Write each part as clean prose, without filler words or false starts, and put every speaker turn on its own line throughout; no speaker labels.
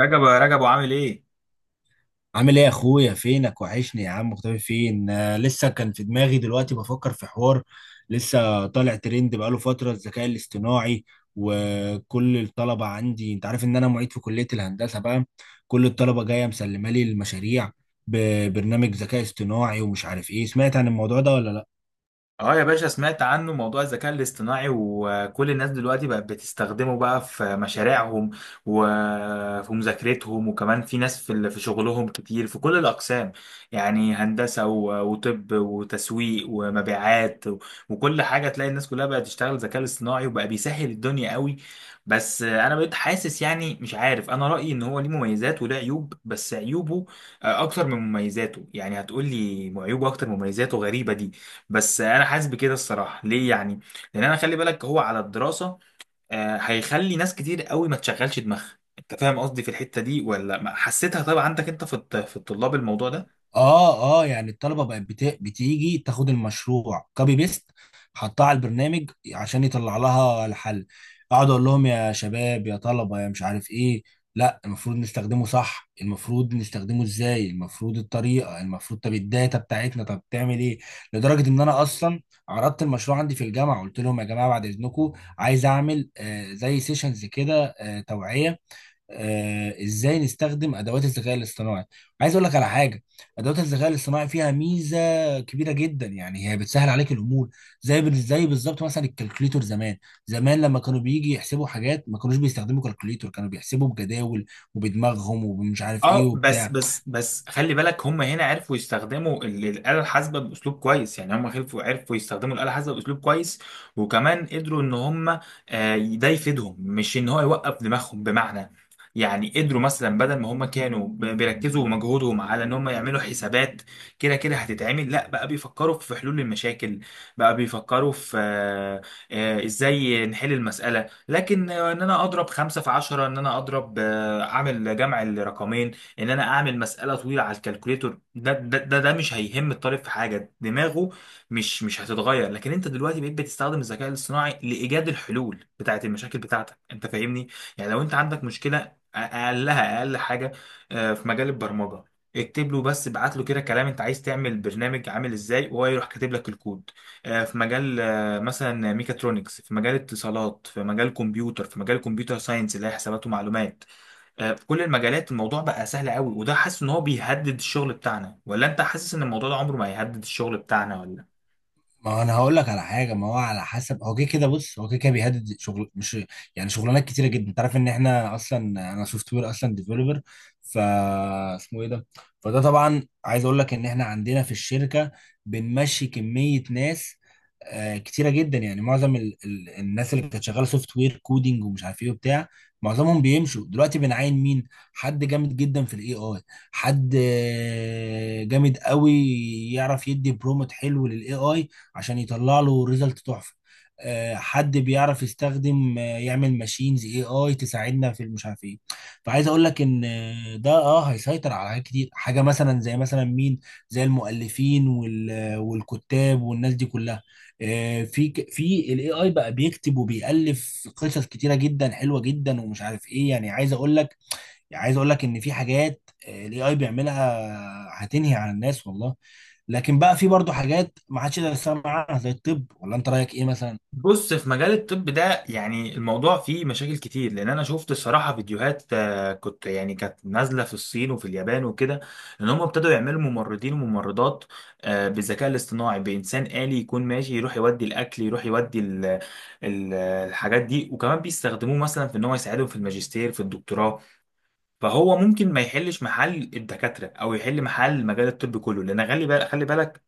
رجب يا رجب وعامل ايه؟
عامل ايه يا اخويا؟ فينك وحشني يا عم، مختفي فين؟ لسه كان في دماغي دلوقتي بفكر في حوار. لسه طالع ترند بقاله فترة الذكاء الاصطناعي، وكل الطلبة عندي، انت عارف ان انا معيد في كلية الهندسة بقى. كل الطلبة جاية مسلمة لي المشاريع ببرنامج ذكاء اصطناعي ومش عارف ايه. سمعت عن الموضوع ده ولا لا؟
اه يا باشا، سمعت عنه موضوع الذكاء الاصطناعي وكل الناس دلوقتي بقت بتستخدمه بقى في مشاريعهم وفي مذاكرتهم، وكمان في ناس في شغلهم كتير في كل الأقسام، يعني هندسة وطب وتسويق ومبيعات وكل حاجة تلاقي الناس كلها بقت تشتغل ذكاء اصطناعي، وبقى بيسهل الدنيا قوي. بس انا بقيت حاسس، يعني مش عارف، انا رأيي ان هو ليه مميزات وله عيوب، بس عيوبه اكتر من مميزاته. يعني هتقول لي عيوبه اكتر من مميزاته؟ غريبة دي. بس انا حاسس بكده الصراحه، ليه يعني؟ لان انا، خلي بالك، هو على الدراسه هيخلي ناس كتير قوي ما تشغلش دماغها. انت فاهم قصدي في الحته دي ولا حسيتها طبعا عندك انت في الطلاب الموضوع ده؟
اه اه، يعني الطلبه بقت بتيجي تاخد المشروع كوبي بيست، حطها على البرنامج عشان يطلع لها الحل. اقعد اقول لهم يا شباب يا طلبه يا مش عارف ايه، لا المفروض نستخدمه صح، المفروض نستخدمه ازاي، المفروض الطريقه المفروض، طب الداتا بتاعتنا طب تعمل ايه؟ لدرجه ان انا اصلا عرضت المشروع عندي في الجامعه، قلت لهم يا جماعه بعد اذنكم عايز اعمل آه زي سيشنز كده، آه توعيه، ازاي نستخدم ادوات الذكاء الاصطناعي. عايز اقول لك على حاجه، ادوات الذكاء الاصطناعي فيها ميزه كبيره جدا، يعني هي بتسهل عليك الامور. زي بالظبط مثلا الكالكوليتور زمان. زمان لما كانوا بيجي يحسبوا حاجات ما كانوش بيستخدموا كالكوليتور، كانوا بيحسبوا بجداول وبدماغهم ومش عارف ايه
اه، بس
وبتاع.
بس بس خلي بالك، هم هنا عرفوا يستخدموا الآلة الحاسبة بأسلوب كويس. يعني هم عرفوا يستخدموا الآلة الحاسبة بأسلوب كويس، وكمان قدروا ان هم ده يفيدهم، مش ان هو يوقف دماغهم. بمعنى، يعني قدروا مثلا، بدل ما هم كانوا بيركزوا مجهودهم على ان هم يعملوا حسابات كده كده هتتعمل، لا، بقى بيفكروا في حلول المشاكل. بقى بيفكروا في ازاي نحل المسألة، لكن ان انا اضرب خمسة في 10، ان انا اضرب آه، اعمل جمع الرقمين، ان انا اعمل مساله طويله على الكالكوليتور، ده مش هيهم الطالب في حاجه. دماغه مش هتتغير. لكن انت دلوقتي بقيت بتستخدم الذكاء الاصطناعي لايجاد الحلول بتاعه المشاكل بتاعتك. انت فاهمني؟ يعني لو انت عندك مشكله اقلها، اقل حاجه في مجال البرمجه، اكتب له بس، ابعت له كده كلام انت عايز تعمل برنامج عامل ازاي، وهو يروح كاتب لك الكود. في مجال مثلا ميكاترونكس، في مجال اتصالات، في مجال كمبيوتر، في مجال كمبيوتر ساينس اللي هي حسابات ومعلومات، في كل المجالات الموضوع بقى سهل قوي. وده، حاسس ان هو بيهدد الشغل بتاعنا، ولا انت حاسس ان الموضوع ده عمره ما هيهدد الشغل بتاعنا ولا؟
ما هو انا هقول لك على حاجه، ما هو على حسب، هو كده كده، بص هو كده كده بيهدد شغل، مش يعني شغلانات كتيره جدا. انت عارف ان احنا اصلا، انا سوفت وير اصلا ديفلوبر، ف اسمه ايه ده، فده طبعا عايز اقول لك ان احنا عندنا في الشركه بنمشي كميه ناس كتيره جدا. يعني معظم الناس اللي كانت شغاله سوفت وير كودينج ومش عارف ايه وبتاع، معظمهم بيمشوا دلوقتي. بنعين مين؟ حد جامد جدا في الاي اي، حد جامد قوي، يعرف يدي برومت حلو للاي اي عشان يطلع له ريزلت تحفه، حد بيعرف يستخدم يعمل ماشينز اي اي تساعدنا في مش عارف ايه. فعايز اقول لك ان ده اه هيسيطر على حاجات كتير. حاجه مثلا زي مثلا مين؟ زي المؤلفين والكتاب والناس دي كلها. في في الاي اي بقى بيكتب وبيألف قصص كتيره جدا حلوه جدا ومش عارف ايه. يعني عايز اقول لك، يعني عايز اقول لك ان في حاجات الاي اي بيعملها هتنهي عن الناس والله. لكن بقى في برضه حاجات ما حدش يقدر يستغنى عنها زي الطب، ولا انت رايك ايه مثلا؟
بص، في مجال الطب ده يعني الموضوع فيه مشاكل كتير، لان انا شفت الصراحه فيديوهات كنت، يعني كانت نازله في الصين وفي اليابان وكده، ان هم ابتدوا يعملوا ممرضين وممرضات بالذكاء الاصطناعي، بانسان آلي يكون ماشي يروح يودي الاكل، يروح يودي الحاجات دي. وكمان بيستخدموه مثلا في ان هو يساعدهم في الماجستير، في الدكتوراه. فهو ممكن ما يحلش محل الدكاتره، او يحل محل مجال الطب كله، لان خلي بالك خلي بالك،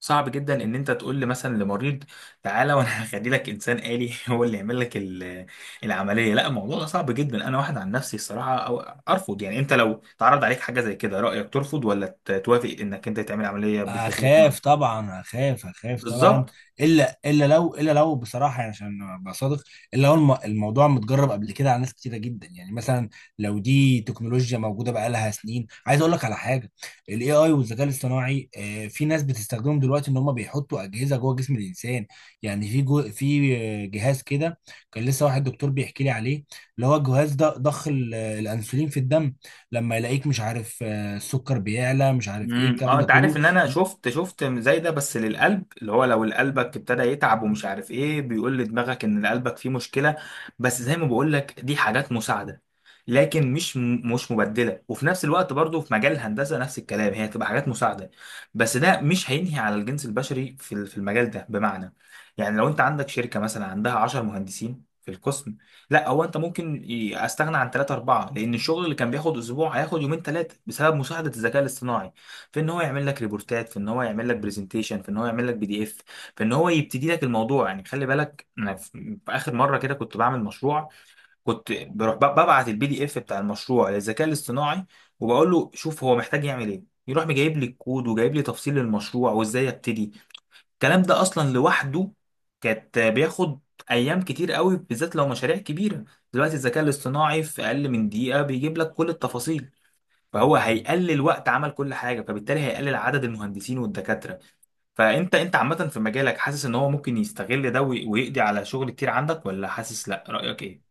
صعب جدا ان انت تقول لي مثلا لمريض تعالى وانا هخلي لك انسان آلي هو اللي يعمل لك العمليه. لا، الموضوع ده صعب جدا. انا واحد عن نفسي الصراحه أو ارفض. يعني انت لو تعرض عليك حاجه زي كده، رايك ترفض ولا توافق انك انت تعمل عمليه بالذكاء الاصطناعي؟
اخاف طبعا، اخاف، اخاف طبعا.
بالظبط.
الا الا لو، الا لو بصراحه يعني عشان ابقى صادق، الا لو الموضوع متجرب قبل كده على ناس كتيره جدا. يعني مثلا لو دي تكنولوجيا موجوده بقالها سنين. عايز اقول لك على حاجه، الاي اي والذكاء الاصطناعي في ناس بتستخدمهم دلوقتي ان هم بيحطوا اجهزه جوه جسم الانسان. يعني في جو، في جهاز كده، كان لسه واحد دكتور بيحكي لي عليه، اللي هو الجهاز ده ضخ الانسولين في الدم لما يلاقيك مش عارف، السكر بيعلى مش عارف ايه الكلام
اه،
ده
انت
كله.
عارف ان انا شفت زي ده، بس للقلب، اللي هو لو قلبك ابتدى يتعب ومش عارف ايه، بيقول لدماغك ان قلبك فيه مشكله. بس زي ما بقول لك، دي حاجات مساعده، لكن مش مبدله. وفي نفس الوقت برضو في مجال الهندسه نفس الكلام، هي تبقى حاجات مساعده، بس ده مش هينهي على الجنس البشري في المجال ده. بمعنى، يعني لو انت عندك شركه مثلا عندها 10 مهندسين في القسم، لا، هو انت ممكن استغنى عن ثلاثة أربعة، لأن الشغل اللي كان بياخد أسبوع هياخد يومين ثلاثة بسبب مساعدة الذكاء الاصطناعي في ان هو يعمل لك ريبورتات، في ان هو يعمل لك برزنتيشن، في ان هو يعمل لك PDF، في ان هو يبتدي لك الموضوع. يعني خلي بالك، انا في اخر مره كده كنت بعمل مشروع، كنت بروح ببعت البي دي اف بتاع المشروع للذكاء الاصطناعي، وبقول له شوف هو محتاج يعمل ايه، يروح مجايب لي الكود وجايب لي تفصيل المشروع وازاي ابتدي. الكلام ده اصلا لوحده كانت بياخد ايام كتير قوي، بالذات لو مشاريع كبيره. دلوقتي الذكاء الاصطناعي في اقل من دقيقه بيجيب لك كل التفاصيل، فهو هيقلل وقت عمل كل حاجه، فبالتالي هيقلل عدد المهندسين والدكاتره. فانت عامه في مجالك، حاسس ان هو ممكن يستغل ده ويقضي على شغل كتير عندك، ولا حاسس لا؟ رايك ايه؟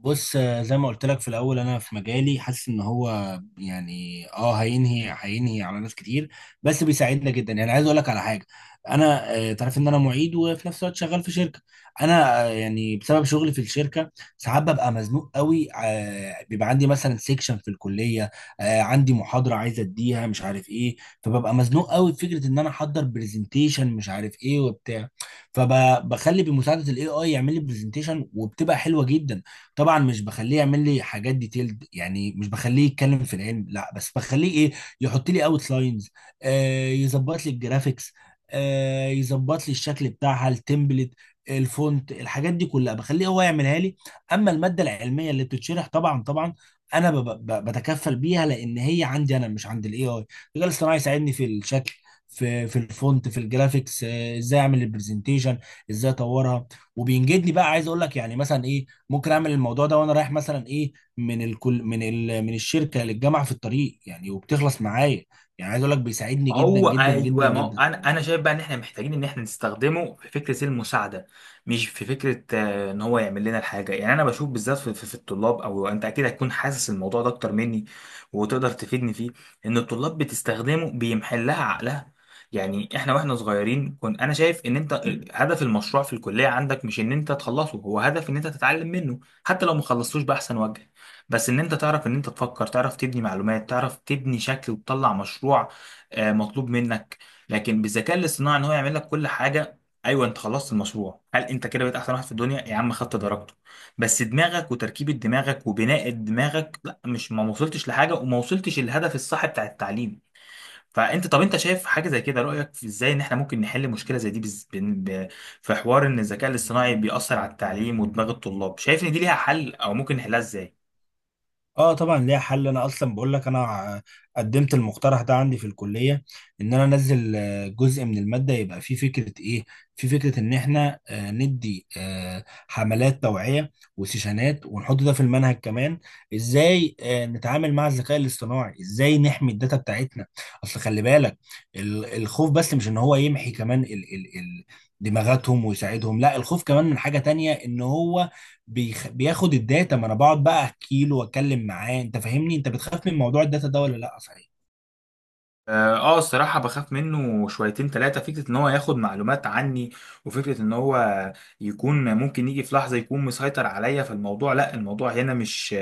بص، زي ما قلت لك في الاول، انا في مجالي حاسس ان هو يعني اه هينهي، هينهي على ناس كتير، بس بيساعدنا جدا. يعني عايز اقول لك على حاجه، انا تعرف ان انا معيد وفي نفس الوقت شغال في شركه. انا يعني بسبب شغلي في الشركه ساعات ببقى مزنوق قوي، بيبقى عندي مثلا سيكشن في الكليه، عندي محاضره عايز اديها مش عارف ايه. فببقى مزنوق قوي في فكره ان انا احضر برزنتيشن مش عارف ايه وبتاع، فبخلي بمساعده الاي اي يعمل لي برزنتيشن وبتبقى حلوه جدا. طبعا مش بخليه يعمل لي حاجات ديتيلد، يعني مش بخليه يتكلم في العلم لا، بس بخليه ايه، يحط لي اوت لاينز، آه يظبط لي الجرافيكس، آه يظبط لي الشكل بتاعها، التمبلت، الفونت، الحاجات دي كلها بخليه هو يعملها لي. اما الماده العلميه اللي بتتشرح طبعا طبعا انا بتكفل بيها، لان هي عندي انا مش عند الاي اي. الذكاء الاصطناعي يساعدني في الشكل، في الفونت، في الجرافيكس، ازاي اعمل البرزنتيشن، ازاي اطورها. وبينجدني بقى. عايز اقول لك يعني مثلا ايه، ممكن اعمل الموضوع ده وانا رايح مثلا ايه من الكل، من من الشركه للجامعه في الطريق يعني، وبتخلص معايا. يعني عايز اقول لك بيساعدني جدا
هو
جدا جدا
ايوه، ما هو
جدا.
انا شايف بقى ان احنا محتاجين ان احنا نستخدمه في فكره المساعده، مش في فكره ان هو يعمل لنا الحاجه. يعني انا بشوف بالذات في الطلاب، او انت اكيد هتكون حاسس الموضوع ده اكتر مني وتقدر تفيدني فيه، ان الطلاب بتستخدمه بيمحل لها عقلها. يعني احنا واحنا صغيرين، كنت انا شايف ان انت هدف المشروع في الكليه عندك مش ان انت تخلصه، هو هدف ان انت تتعلم منه، حتى لو ما خلصتوش باحسن وجه، بس ان انت تعرف ان انت تفكر، تعرف تبني معلومات، تعرف تبني شكل وتطلع مشروع مطلوب منك. لكن بالذكاء الاصطناعي ان هو يعمل لك كل حاجه، ايوه انت خلصت المشروع، هل انت كده بقيت احسن واحد في الدنيا يا عم؟ خدت درجته بس، دماغك وتركيبه دماغك وبناء دماغك لا، مش، ما وصلتش لحاجه وما وصلتش الهدف الصح بتاع التعليم. فانت، طب انت شايف حاجه زي كده، رايك في ازاي ان احنا ممكن نحل مشكله زي دي، في حوار ان الذكاء الاصطناعي بيأثر على التعليم ودماغ الطلاب؟ شايف ان دي ليها حل، او ممكن نحلها ازاي؟
اه طبعا ليها حل، انا اصلا بقول لك، قدمت المقترح ده عندي في الكليه، ان انا انزل جزء من الماده يبقى فيه فكره ايه، في فكره ان احنا ندي حملات توعيه وسيشنات، ونحط ده في المنهج كمان. ازاي نتعامل مع الذكاء الاصطناعي، ازاي نحمي الداتا بتاعتنا. اصل خلي بالك، الخوف بس مش ان هو يمحي كمان ال ال ال دماغاتهم ويساعدهم لا، الخوف كمان من حاجه تانية ان هو بياخد الداتا. ما انا بقعد بقى احكي له واتكلم معاه. انت فاهمني؟ انت بتخاف من موضوع الداتا ده ولا لا صحيح؟
اه الصراحة بخاف منه شويتين تلاتة. فكرة ان هو ياخد معلومات عني، وفكرة ان هو يكون ممكن يجي في لحظة يكون مسيطر عليا، فالموضوع لا، الموضوع هنا مش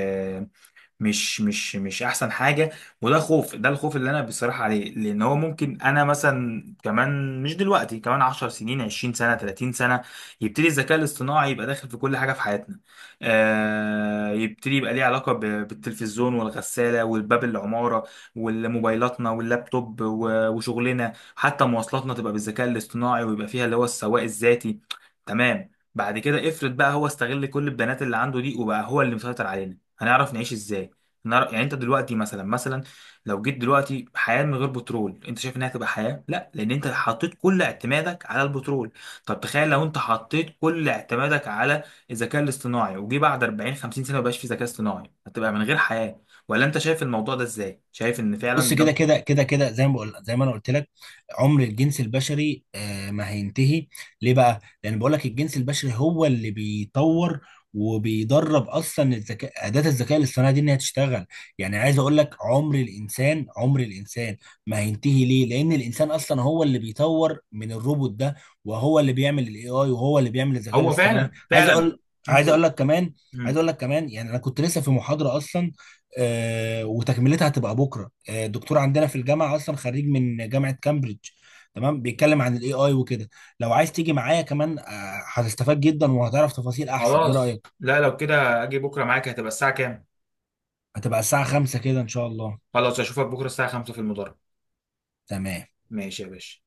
مش مش مش احسن حاجه. وده خوف، ده الخوف اللي انا بصراحه عليه، لان هو ممكن انا مثلا كمان مش دلوقتي، كمان 10 سنين، 20 سنه، 30 سنه، يبتدي الذكاء الاصطناعي يبقى داخل في كل حاجه في حياتنا. يبتدي يبقى ليه علاقه بالتلفزيون والغساله والباب العماره والموبايلاتنا واللابتوب وشغلنا، حتى مواصلاتنا تبقى بالذكاء الاصطناعي، ويبقى فيها اللي هو السواق الذاتي. تمام، بعد كده افرض بقى هو استغل كل البيانات اللي عنده دي، وبقى هو اللي مسيطر علينا، هنعرف نعيش ازاي؟ يعني انت دلوقتي مثلا لو جيت دلوقتي حياه من غير بترول، انت شايف انها تبقى حياه؟ لا، لان انت حطيت كل اعتمادك على البترول. طب تخيل لو انت حطيت كل اعتمادك على الذكاء الاصطناعي، وجي بعد 40 50 سنه مبقاش في ذكاء اصطناعي، هتبقى من غير حياه. ولا انت شايف الموضوع ده ازاي؟ شايف ان فعلا
بص
ده
كده
ممكن؟
كده كده كده زي ما بقول، زي ما انا قلت لك، عمر الجنس البشري ما هينتهي. ليه بقى؟ لان بقول لك الجنس البشري هو اللي بيطور وبيدرب اصلا الذكاء، اداه الذكاء الاصطناعي دي، انها تشتغل. يعني عايز اقول لك، عمر الانسان، عمر الانسان ما هينتهي. ليه؟ لان الانسان اصلا هو اللي بيطور من الروبوت ده، وهو اللي بيعمل الاي اي، وهو اللي بيعمل الذكاء
هو
الاصطناعي.
فعلا،
عايز
فعلا.
اقول، عايز
مم.
اقول لك كمان، عايز
مم.
اقول لك كمان يعني انا كنت لسه في محاضره اصلا، وتكملتها هتبقى بكره. دكتور عندنا في الجامعه اصلا خريج من جامعه كامبريدج، تمام، بيتكلم عن الاي اي وكده. لو عايز تيجي معايا كمان، هتستفاد جدا وهتعرف تفاصيل احسن. ايه
خلاص،
رايك؟
لا لو كده اجي بكره معاك. هتبقى الساعه كام؟
هتبقى الساعه 5 كده ان شاء الله.
خلاص، اشوفك بكره الساعه 5 في المدرج.
تمام.
ماشي يا باشا.